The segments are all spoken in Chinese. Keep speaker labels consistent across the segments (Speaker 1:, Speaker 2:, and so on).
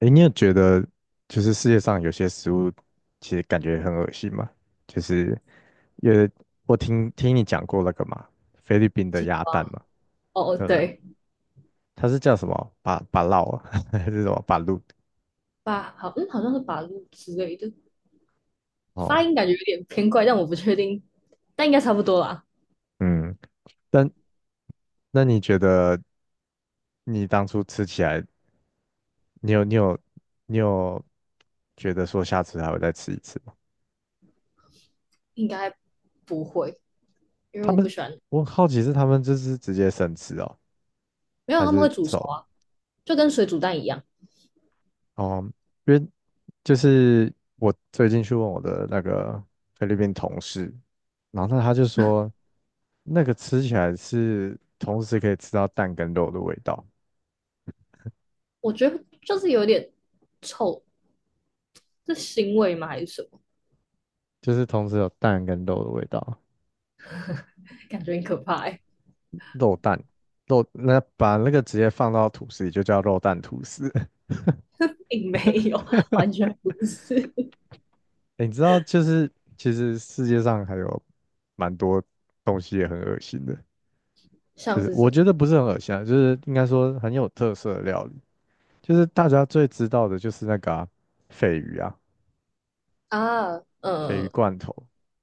Speaker 1: 诶，你有觉得就是世界上有些食物其实感觉很恶心吗？就是因为我听你讲过那个嘛，菲律宾的
Speaker 2: 金
Speaker 1: 鸭
Speaker 2: 瓜。
Speaker 1: 蛋嘛，
Speaker 2: 哦哦，
Speaker 1: 对不对？
Speaker 2: 对。
Speaker 1: 它是叫什么？巴巴烙啊，还是什么巴鲁？
Speaker 2: 八好，嗯，好像是八路之类的。
Speaker 1: 哦，
Speaker 2: 发音感觉有点偏怪，但我不确定，但应该差不多啦。
Speaker 1: 嗯，但那你觉得你当初吃起来，你有你有你有觉得说下次还会再吃一次吗？
Speaker 2: 应该不会，因为
Speaker 1: 他
Speaker 2: 我不
Speaker 1: 们，
Speaker 2: 喜欢。
Speaker 1: 我很好奇是他们就是直接生吃哦，
Speaker 2: 没有，
Speaker 1: 还
Speaker 2: 他们会
Speaker 1: 是
Speaker 2: 煮熟
Speaker 1: 走？
Speaker 2: 啊，就跟水煮蛋一样。
Speaker 1: 哦，因为就是我最近去问我的那个菲律宾同事，然后那他就说，那个吃起来是同时可以吃到蛋跟肉的味道，
Speaker 2: 我觉得就是有点臭，是腥味吗还是什么？
Speaker 1: 就是同时有蛋跟肉的味道。
Speaker 2: 感觉很可怕，欸。
Speaker 1: 肉蛋肉，那把那个直接放到吐司里就叫肉蛋吐司。
Speaker 2: 并没有，完全不是。
Speaker 1: 欸你知道，就是其实世界上还有蛮多东西也很恶心的，就
Speaker 2: 像
Speaker 1: 是
Speaker 2: 是什
Speaker 1: 我
Speaker 2: 么
Speaker 1: 觉得不是很恶心啊，就是应该说很有特色的料理。就是大家最知道的就是那个啊鲱鱼啊，
Speaker 2: 啊？
Speaker 1: 鲱鱼罐头。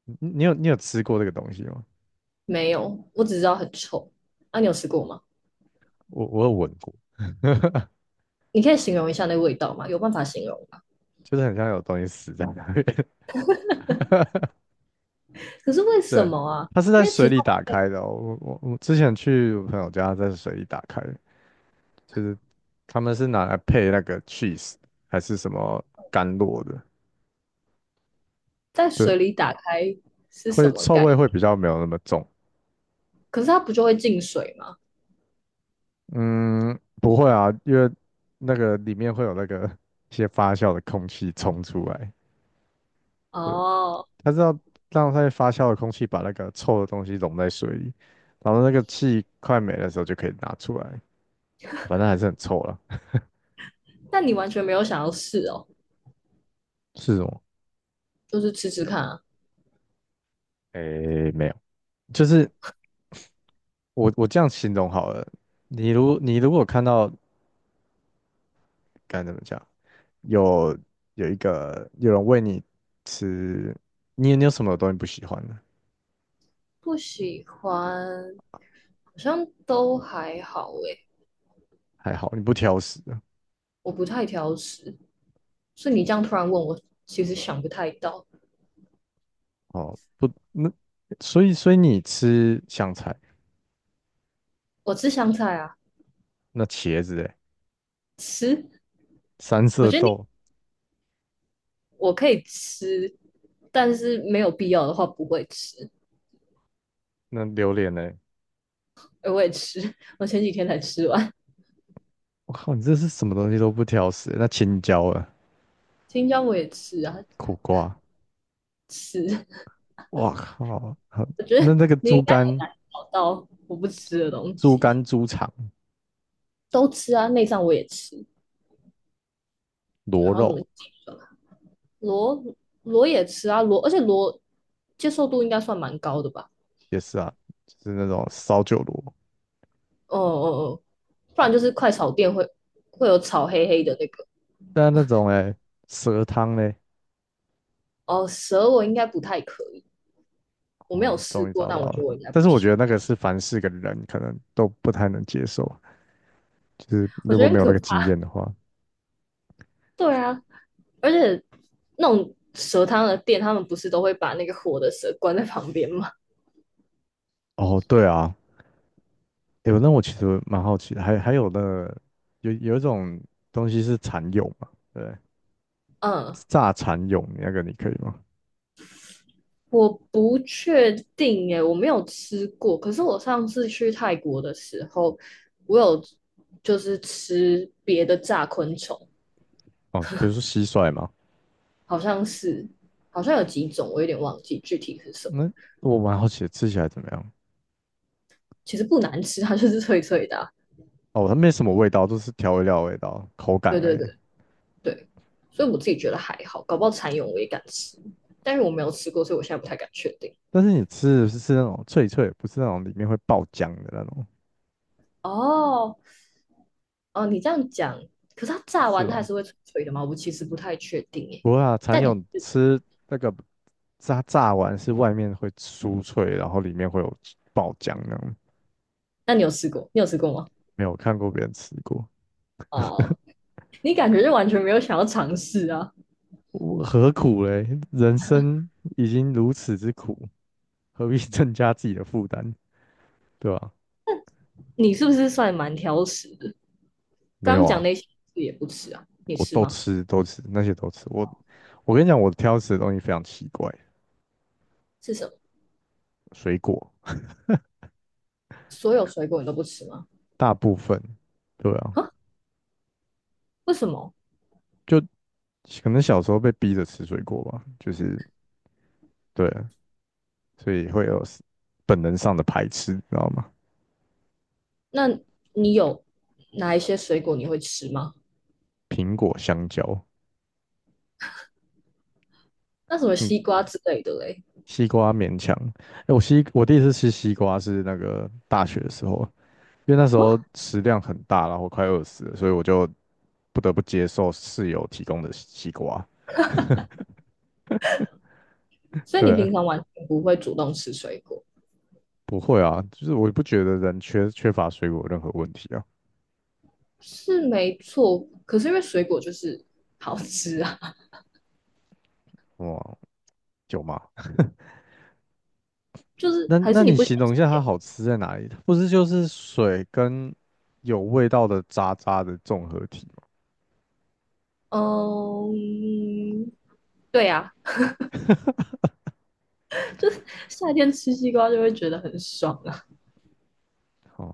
Speaker 1: 你有吃过这个东西吗？
Speaker 2: 没有，我只知道很臭。啊，你有吃过吗？
Speaker 1: 我有闻过，
Speaker 2: 你可以形容一下那味道吗？有办法形容吗？
Speaker 1: 就是很像有东西死在那边。
Speaker 2: 可是为什
Speaker 1: 对，
Speaker 2: 么啊？
Speaker 1: 它是在
Speaker 2: 因为
Speaker 1: 水
Speaker 2: 其
Speaker 1: 里打开的哦，我之前去我朋友家，在水里打开的，就是他们是拿来配那个 cheese 还是什么甘露的。
Speaker 2: 在
Speaker 1: 对，
Speaker 2: 水里打开是什
Speaker 1: 会
Speaker 2: 么
Speaker 1: 臭
Speaker 2: 概
Speaker 1: 味
Speaker 2: 念？
Speaker 1: 会比较没有那么重。
Speaker 2: 可是它不就会进水吗？
Speaker 1: 嗯，不会啊，因为那个里面会有那个一些发酵的空气冲出来。对，
Speaker 2: 哦，
Speaker 1: 它是要让它发酵的空气把那个臭的东西溶在水里，然后那个气快没的时候就可以拿出来，反正还是很臭了。
Speaker 2: 那你完全没有想要试哦，
Speaker 1: 是什么？
Speaker 2: 就是吃吃看啊。
Speaker 1: 诶，没有，就是我这样形容好了。你如果看到，该怎么讲，有有一个有人喂你吃，你有什么东西不喜欢的？
Speaker 2: 不喜欢，好像都还好诶。
Speaker 1: 还好你不挑食。
Speaker 2: 我不太挑食，所以你这样突然问我，其实想不太到。
Speaker 1: 哦，不，那所以你吃香菜？
Speaker 2: 我吃香菜啊。
Speaker 1: 那茄子哎？
Speaker 2: 吃。
Speaker 1: 三
Speaker 2: 我
Speaker 1: 色
Speaker 2: 觉得你
Speaker 1: 豆？
Speaker 2: 我可以吃，但是没有必要的话不会吃。
Speaker 1: 那榴莲哎？
Speaker 2: 哎，我也吃，我前几天才吃完。
Speaker 1: 我靠，你这是什么东西都不挑食欸。那青椒啊？
Speaker 2: 青椒我也吃啊。
Speaker 1: 苦瓜？
Speaker 2: 吃。
Speaker 1: 哇靠，好，那那个
Speaker 2: 你
Speaker 1: 猪
Speaker 2: 应该很
Speaker 1: 肝、
Speaker 2: 难找到我不吃的东
Speaker 1: 猪
Speaker 2: 西，
Speaker 1: 肝、猪肠、
Speaker 2: 都吃啊，内脏我也吃，
Speaker 1: 螺
Speaker 2: 然后什
Speaker 1: 肉？
Speaker 2: 么鸡粉啊，螺螺也吃啊，而且螺接受度应该算蛮高的吧？
Speaker 1: 也是啊，就是那种烧酒螺。
Speaker 2: 哦哦哦，不然就是快炒店会有炒黑黑的那个。
Speaker 1: 但那种哎，蛇汤嘞？
Speaker 2: 哦，蛇我应该不太可以，我没有
Speaker 1: 哦，
Speaker 2: 试
Speaker 1: 终于
Speaker 2: 过，
Speaker 1: 找到
Speaker 2: 但我觉
Speaker 1: 了。
Speaker 2: 得我应该
Speaker 1: 但
Speaker 2: 不
Speaker 1: 是我觉
Speaker 2: 行，
Speaker 1: 得那个是凡是个人可能都不太能接受，就是
Speaker 2: 我
Speaker 1: 如
Speaker 2: 觉
Speaker 1: 果
Speaker 2: 得
Speaker 1: 没
Speaker 2: 很
Speaker 1: 有那
Speaker 2: 可
Speaker 1: 个经
Speaker 2: 怕。
Speaker 1: 验的话。
Speaker 2: 对啊，而且那种蛇汤的店，他们不是都会把那个活的蛇关在旁边吗？
Speaker 1: 哦，对啊，有，那我其实蛮好奇的，还有的有一种东西是蚕蛹嘛，对，
Speaker 2: 嗯，
Speaker 1: 炸蚕蛹那个你可以吗？
Speaker 2: 我不确定耶，我没有吃过。可是我上次去泰国的时候，我有就是吃别的炸昆虫，
Speaker 1: 哦，比如说蟋蟀嘛。
Speaker 2: 好像是好像有几种，我有点忘记具体是什么。
Speaker 1: 那我蛮好奇的吃起来怎么样？
Speaker 2: 其实不难吃啊，它就是脆脆的啊。
Speaker 1: 哦，它没什么味道，都是调味料的味道，口感
Speaker 2: 对
Speaker 1: 而
Speaker 2: 对
Speaker 1: 已。
Speaker 2: 对对，所以我自己觉得还好，搞不好蚕蛹我也敢吃，但是我没有吃过，所以我现在不太敢确定。
Speaker 1: 但是你吃的是那种脆脆的，不是那种里面会爆浆的那种，
Speaker 2: 哦哦，你这样讲，可是它炸
Speaker 1: 是
Speaker 2: 完它还
Speaker 1: 吧？
Speaker 2: 是会脆脆的吗？我其实不太确定耶。
Speaker 1: 不会啊，蚕
Speaker 2: 但你
Speaker 1: 蛹吃那个炸完是外面会酥脆，然后里面会有爆浆那种。
Speaker 2: 那你有吃过？你有吃过吗？
Speaker 1: 没有看过别人吃过。
Speaker 2: 哦，你感觉就完全没有想要尝试啊？
Speaker 1: 我何苦嘞？人生已经如此之苦，何必 增加自己的负担，对吧？
Speaker 2: 你是不是算蛮挑食的？
Speaker 1: 没
Speaker 2: 刚刚
Speaker 1: 有
Speaker 2: 讲
Speaker 1: 啊，
Speaker 2: 那些你也不吃啊？你
Speaker 1: 我
Speaker 2: 吃
Speaker 1: 都
Speaker 2: 吗？
Speaker 1: 吃，都吃，那些都吃。我跟你讲，我挑食的东西非常奇怪。
Speaker 2: 是什么？
Speaker 1: 水果
Speaker 2: 所有水果你都不吃吗？
Speaker 1: 大部分，对啊，
Speaker 2: 啊？为什么？
Speaker 1: 就可能小时候被逼着吃水果吧，就是对啊，所以会有 本能上的排斥，你知道吗？
Speaker 2: 那你有哪一些水果你会吃吗？
Speaker 1: 苹果、香蕉。
Speaker 2: 那什么
Speaker 1: 嗯，
Speaker 2: 西瓜之类的嘞？
Speaker 1: 西瓜勉强。哎，我第一次吃西瓜是那个大学的时候，因为那时
Speaker 2: 哦，
Speaker 1: 候食量很大，然后快饿死了，所以我就不得不接受室友提供的西瓜。
Speaker 2: 所以你
Speaker 1: 对，
Speaker 2: 平常完全不会主动吃水果，
Speaker 1: 不会啊，就是我也不觉得人缺乏水果有任何问题啊。
Speaker 2: 是没错。可是因为水果就是好吃啊，
Speaker 1: 哇，有吗？
Speaker 2: 就是
Speaker 1: 那
Speaker 2: 还
Speaker 1: 那
Speaker 2: 是你
Speaker 1: 你
Speaker 2: 不喜
Speaker 1: 形
Speaker 2: 欢
Speaker 1: 容
Speaker 2: 吃
Speaker 1: 一下它
Speaker 2: 甜。
Speaker 1: 好吃在哪里？它不是就是水跟有味道的渣渣的综合体吗？
Speaker 2: 嗯，对呀，夏天吃西瓜就会觉得很爽啊。
Speaker 1: 哦，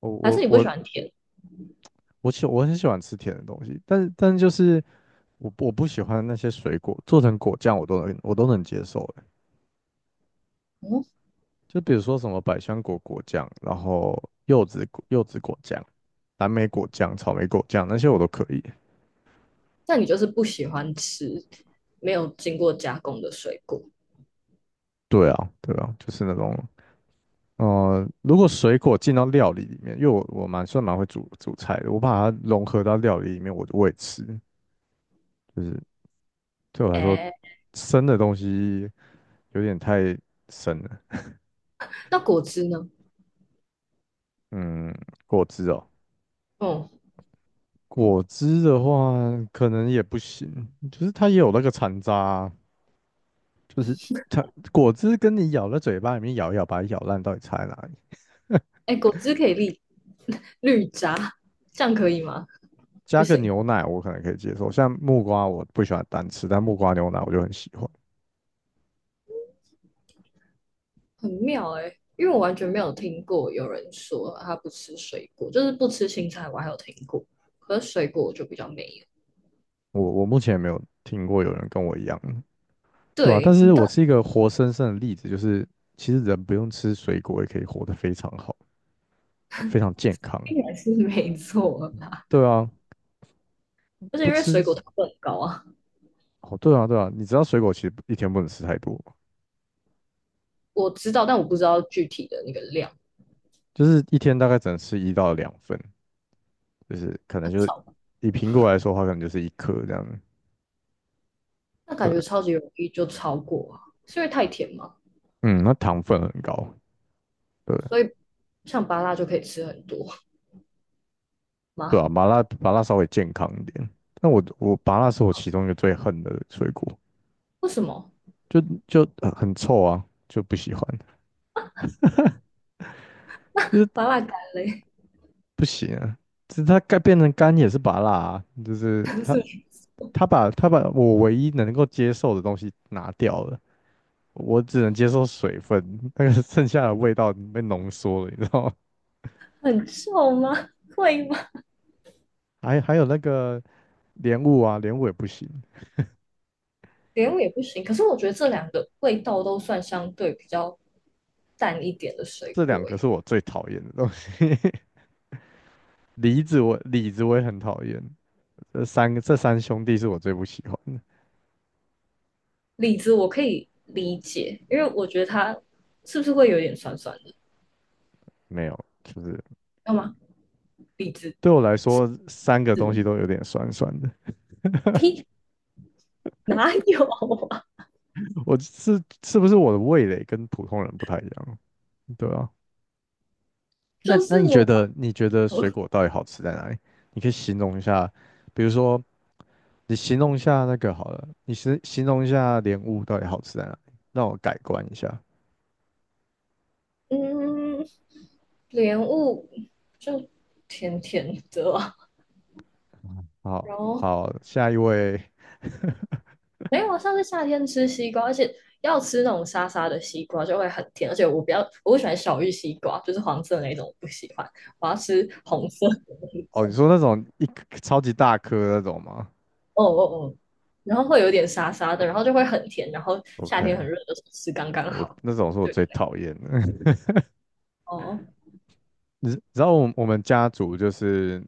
Speaker 1: 我
Speaker 2: 还是
Speaker 1: 我
Speaker 2: 你不喜
Speaker 1: 我
Speaker 2: 欢甜？
Speaker 1: 我很喜欢吃甜的东西，但是就是我不喜欢那些水果做成果酱，我都能接受。
Speaker 2: 嗯，
Speaker 1: 就比如说什么百香果果酱，然后柚子果酱、蓝莓果酱、草莓果酱那些我都可以。
Speaker 2: 那你就是不喜欢吃没有经过加工的水果。
Speaker 1: 对啊，对啊，就是那种。如果水果进到料理里面，因为我算蛮会煮煮菜的，我把它融合到料理里面，我也吃。就是对我来说，
Speaker 2: 哎，
Speaker 1: 生的东西有点太生了。
Speaker 2: 那果汁呢？
Speaker 1: 嗯，果汁哦。
Speaker 2: 哦，
Speaker 1: 果汁的话可能也不行，就是它也有那个残渣啊，就是它果汁跟你咬在嘴巴里面咬一咬，把它咬烂，到底差在哪里？
Speaker 2: 哎，果汁可以绿榨，这样可以吗？不
Speaker 1: 加个
Speaker 2: 行，
Speaker 1: 牛奶我可能可以接受，像木瓜我不喜欢单吃，但木瓜牛奶我就很喜欢。
Speaker 2: 很妙哎，因为我完全没有听过有人说他不吃水果，就是不吃青菜，我还有听过，可是水果我就比较没有。
Speaker 1: 我目前没有听过有人跟我一样。对啊，但
Speaker 2: 对，
Speaker 1: 是我是一个活生生的例子，就是其实人不用吃水果也可以活得非常好，非常健康。
Speaker 2: 应该是没错啦，
Speaker 1: 对啊，
Speaker 2: 就是
Speaker 1: 不
Speaker 2: 因为水
Speaker 1: 吃
Speaker 2: 果糖分很高啊。
Speaker 1: 哦，对啊，对啊，你知道水果其实一天不能吃太多吗？
Speaker 2: 我知道，但我不知道具体的那个量，
Speaker 1: 就是一天大概只能吃一到两份，就是可能
Speaker 2: 很
Speaker 1: 就是
Speaker 2: 少。
Speaker 1: 以苹果来说的话，可能就是一颗这样。
Speaker 2: 那感
Speaker 1: 对，
Speaker 2: 觉超级容易就超过啊，是因为太甜吗？
Speaker 1: 嗯，那糖分很高。对，
Speaker 2: 所以像芭乐就可以吃很多
Speaker 1: 对
Speaker 2: 吗？
Speaker 1: 啊，麻辣稍微健康一点。但我麻辣是我其中一个最恨的水果，
Speaker 2: 为什么
Speaker 1: 就就很臭啊，就不喜欢，就是
Speaker 2: 芭乐干嘞？
Speaker 1: 不行啊。其实它该变成干也是麻辣啊，就是
Speaker 2: 不
Speaker 1: 它
Speaker 2: 是
Speaker 1: 它把它把我唯一能够接受的东西拿掉了，我只能接受水分，那个剩下的味道被浓缩了，你知道吗？
Speaker 2: 很臭吗？会吗？
Speaker 1: 还有那个莲雾啊，莲雾也不行，
Speaker 2: 莲雾也不行。可是我觉得这两个味道都算相对比较淡一点的水
Speaker 1: 这两
Speaker 2: 果欸，
Speaker 1: 个是
Speaker 2: 诶，
Speaker 1: 我最讨厌的东西。梨子我李子我也很讨厌，这三兄弟是我最不喜欢的。
Speaker 2: 李子我可以理解，因为我觉得它是不是会有点酸酸的？
Speaker 1: 没有，就是
Speaker 2: 要吗？李子
Speaker 1: 对我来说，三个
Speaker 2: 是
Speaker 1: 东
Speaker 2: 的，
Speaker 1: 西都有点酸酸的。
Speaker 2: 呸，哪有啊。
Speaker 1: 是不是我的味蕾跟普通人不太一样？对啊，那
Speaker 2: 就
Speaker 1: 那
Speaker 2: 是我把
Speaker 1: 你觉得水果到底好吃在哪里？你可以形容一下，比如说你形容一下那个好了，形容一下莲雾到底好吃在哪里，让我改观一下。
Speaker 2: 嗯，莲雾就甜甜的啊。
Speaker 1: 好，
Speaker 2: 然后
Speaker 1: 好，下一位。
Speaker 2: 没有啊，上次夏天吃西瓜，而且要吃那种沙沙的西瓜就会很甜，而且我比较我不喜欢小玉西瓜，就是黄色那种我不喜欢，我要吃红色的那
Speaker 1: 哦，你
Speaker 2: 种。
Speaker 1: 说那种一颗超级大颗那种吗
Speaker 2: 哦哦哦，然后会有点沙沙的，然后就会很甜，然后夏天很
Speaker 1: ？OK，
Speaker 2: 热的时候吃刚刚
Speaker 1: 我
Speaker 2: 好。
Speaker 1: 那种是我
Speaker 2: 对，
Speaker 1: 最讨厌的。
Speaker 2: 哦，
Speaker 1: 你知道我们家族就是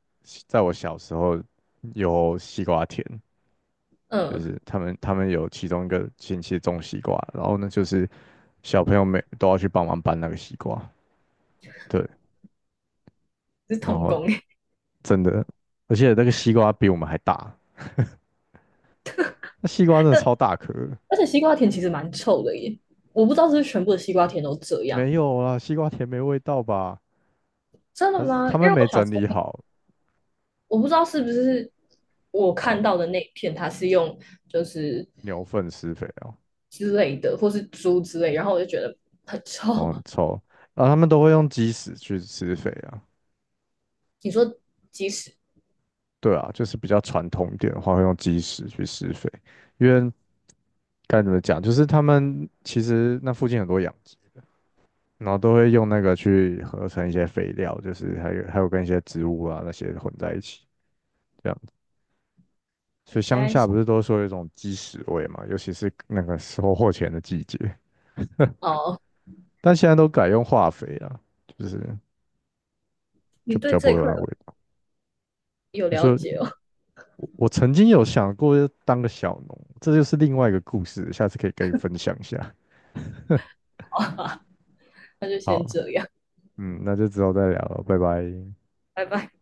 Speaker 1: 在我小时候有西瓜田，就
Speaker 2: 嗯，
Speaker 1: 是他们有其中一个亲戚种西瓜，然后呢就是小朋友每都要去帮忙搬那个西瓜。对，
Speaker 2: 是
Speaker 1: 然
Speaker 2: 童
Speaker 1: 后
Speaker 2: 工耶。
Speaker 1: 真的，而且那个西瓜比我们还大，那西瓜真的超大颗的。
Speaker 2: 而且西瓜甜其实蛮臭的耶，我不知道是不是全部的西瓜甜都这样。
Speaker 1: 没有啊，西瓜田没味道吧？
Speaker 2: 真
Speaker 1: 还
Speaker 2: 的
Speaker 1: 是
Speaker 2: 吗？
Speaker 1: 他
Speaker 2: 因为
Speaker 1: 们没
Speaker 2: 我小
Speaker 1: 整
Speaker 2: 时候
Speaker 1: 理好，
Speaker 2: 我不知道是不是我
Speaker 1: 哦，
Speaker 2: 看到的那一片，它是用就是
Speaker 1: 牛粪施肥哦。
Speaker 2: 之类的，或是猪之类，然后我就觉得很臭。
Speaker 1: 哦，很 臭，然后他们都会用鸡屎去施肥啊。
Speaker 2: 你说即使
Speaker 1: 对啊，就是比较传统一点的话，会用基石去施肥，因为该怎么讲，就是他们其实那附近很多养殖，然后都会用那个去合成一些肥料，就是还有跟一些植物啊那些混在一起这样子。
Speaker 2: 我
Speaker 1: 所以
Speaker 2: 现
Speaker 1: 乡
Speaker 2: 在
Speaker 1: 下不
Speaker 2: 想
Speaker 1: 是都说有一种鸡屎味嘛，尤其是那个收获前的季节，
Speaker 2: 哦，
Speaker 1: 但现在都改用化肥了，就是
Speaker 2: 你
Speaker 1: 就比
Speaker 2: 对
Speaker 1: 较不
Speaker 2: 这
Speaker 1: 会
Speaker 2: 一
Speaker 1: 有
Speaker 2: 块
Speaker 1: 那个味道。
Speaker 2: 有
Speaker 1: 你
Speaker 2: 了
Speaker 1: 说
Speaker 2: 解哦。
Speaker 1: 我曾经有想过要当个小农，这就是另外一个故事，下次可以跟你分享一下。
Speaker 2: 那就先
Speaker 1: 好。
Speaker 2: 这样，
Speaker 1: 嗯，那就之后再聊了，拜拜。
Speaker 2: 拜拜。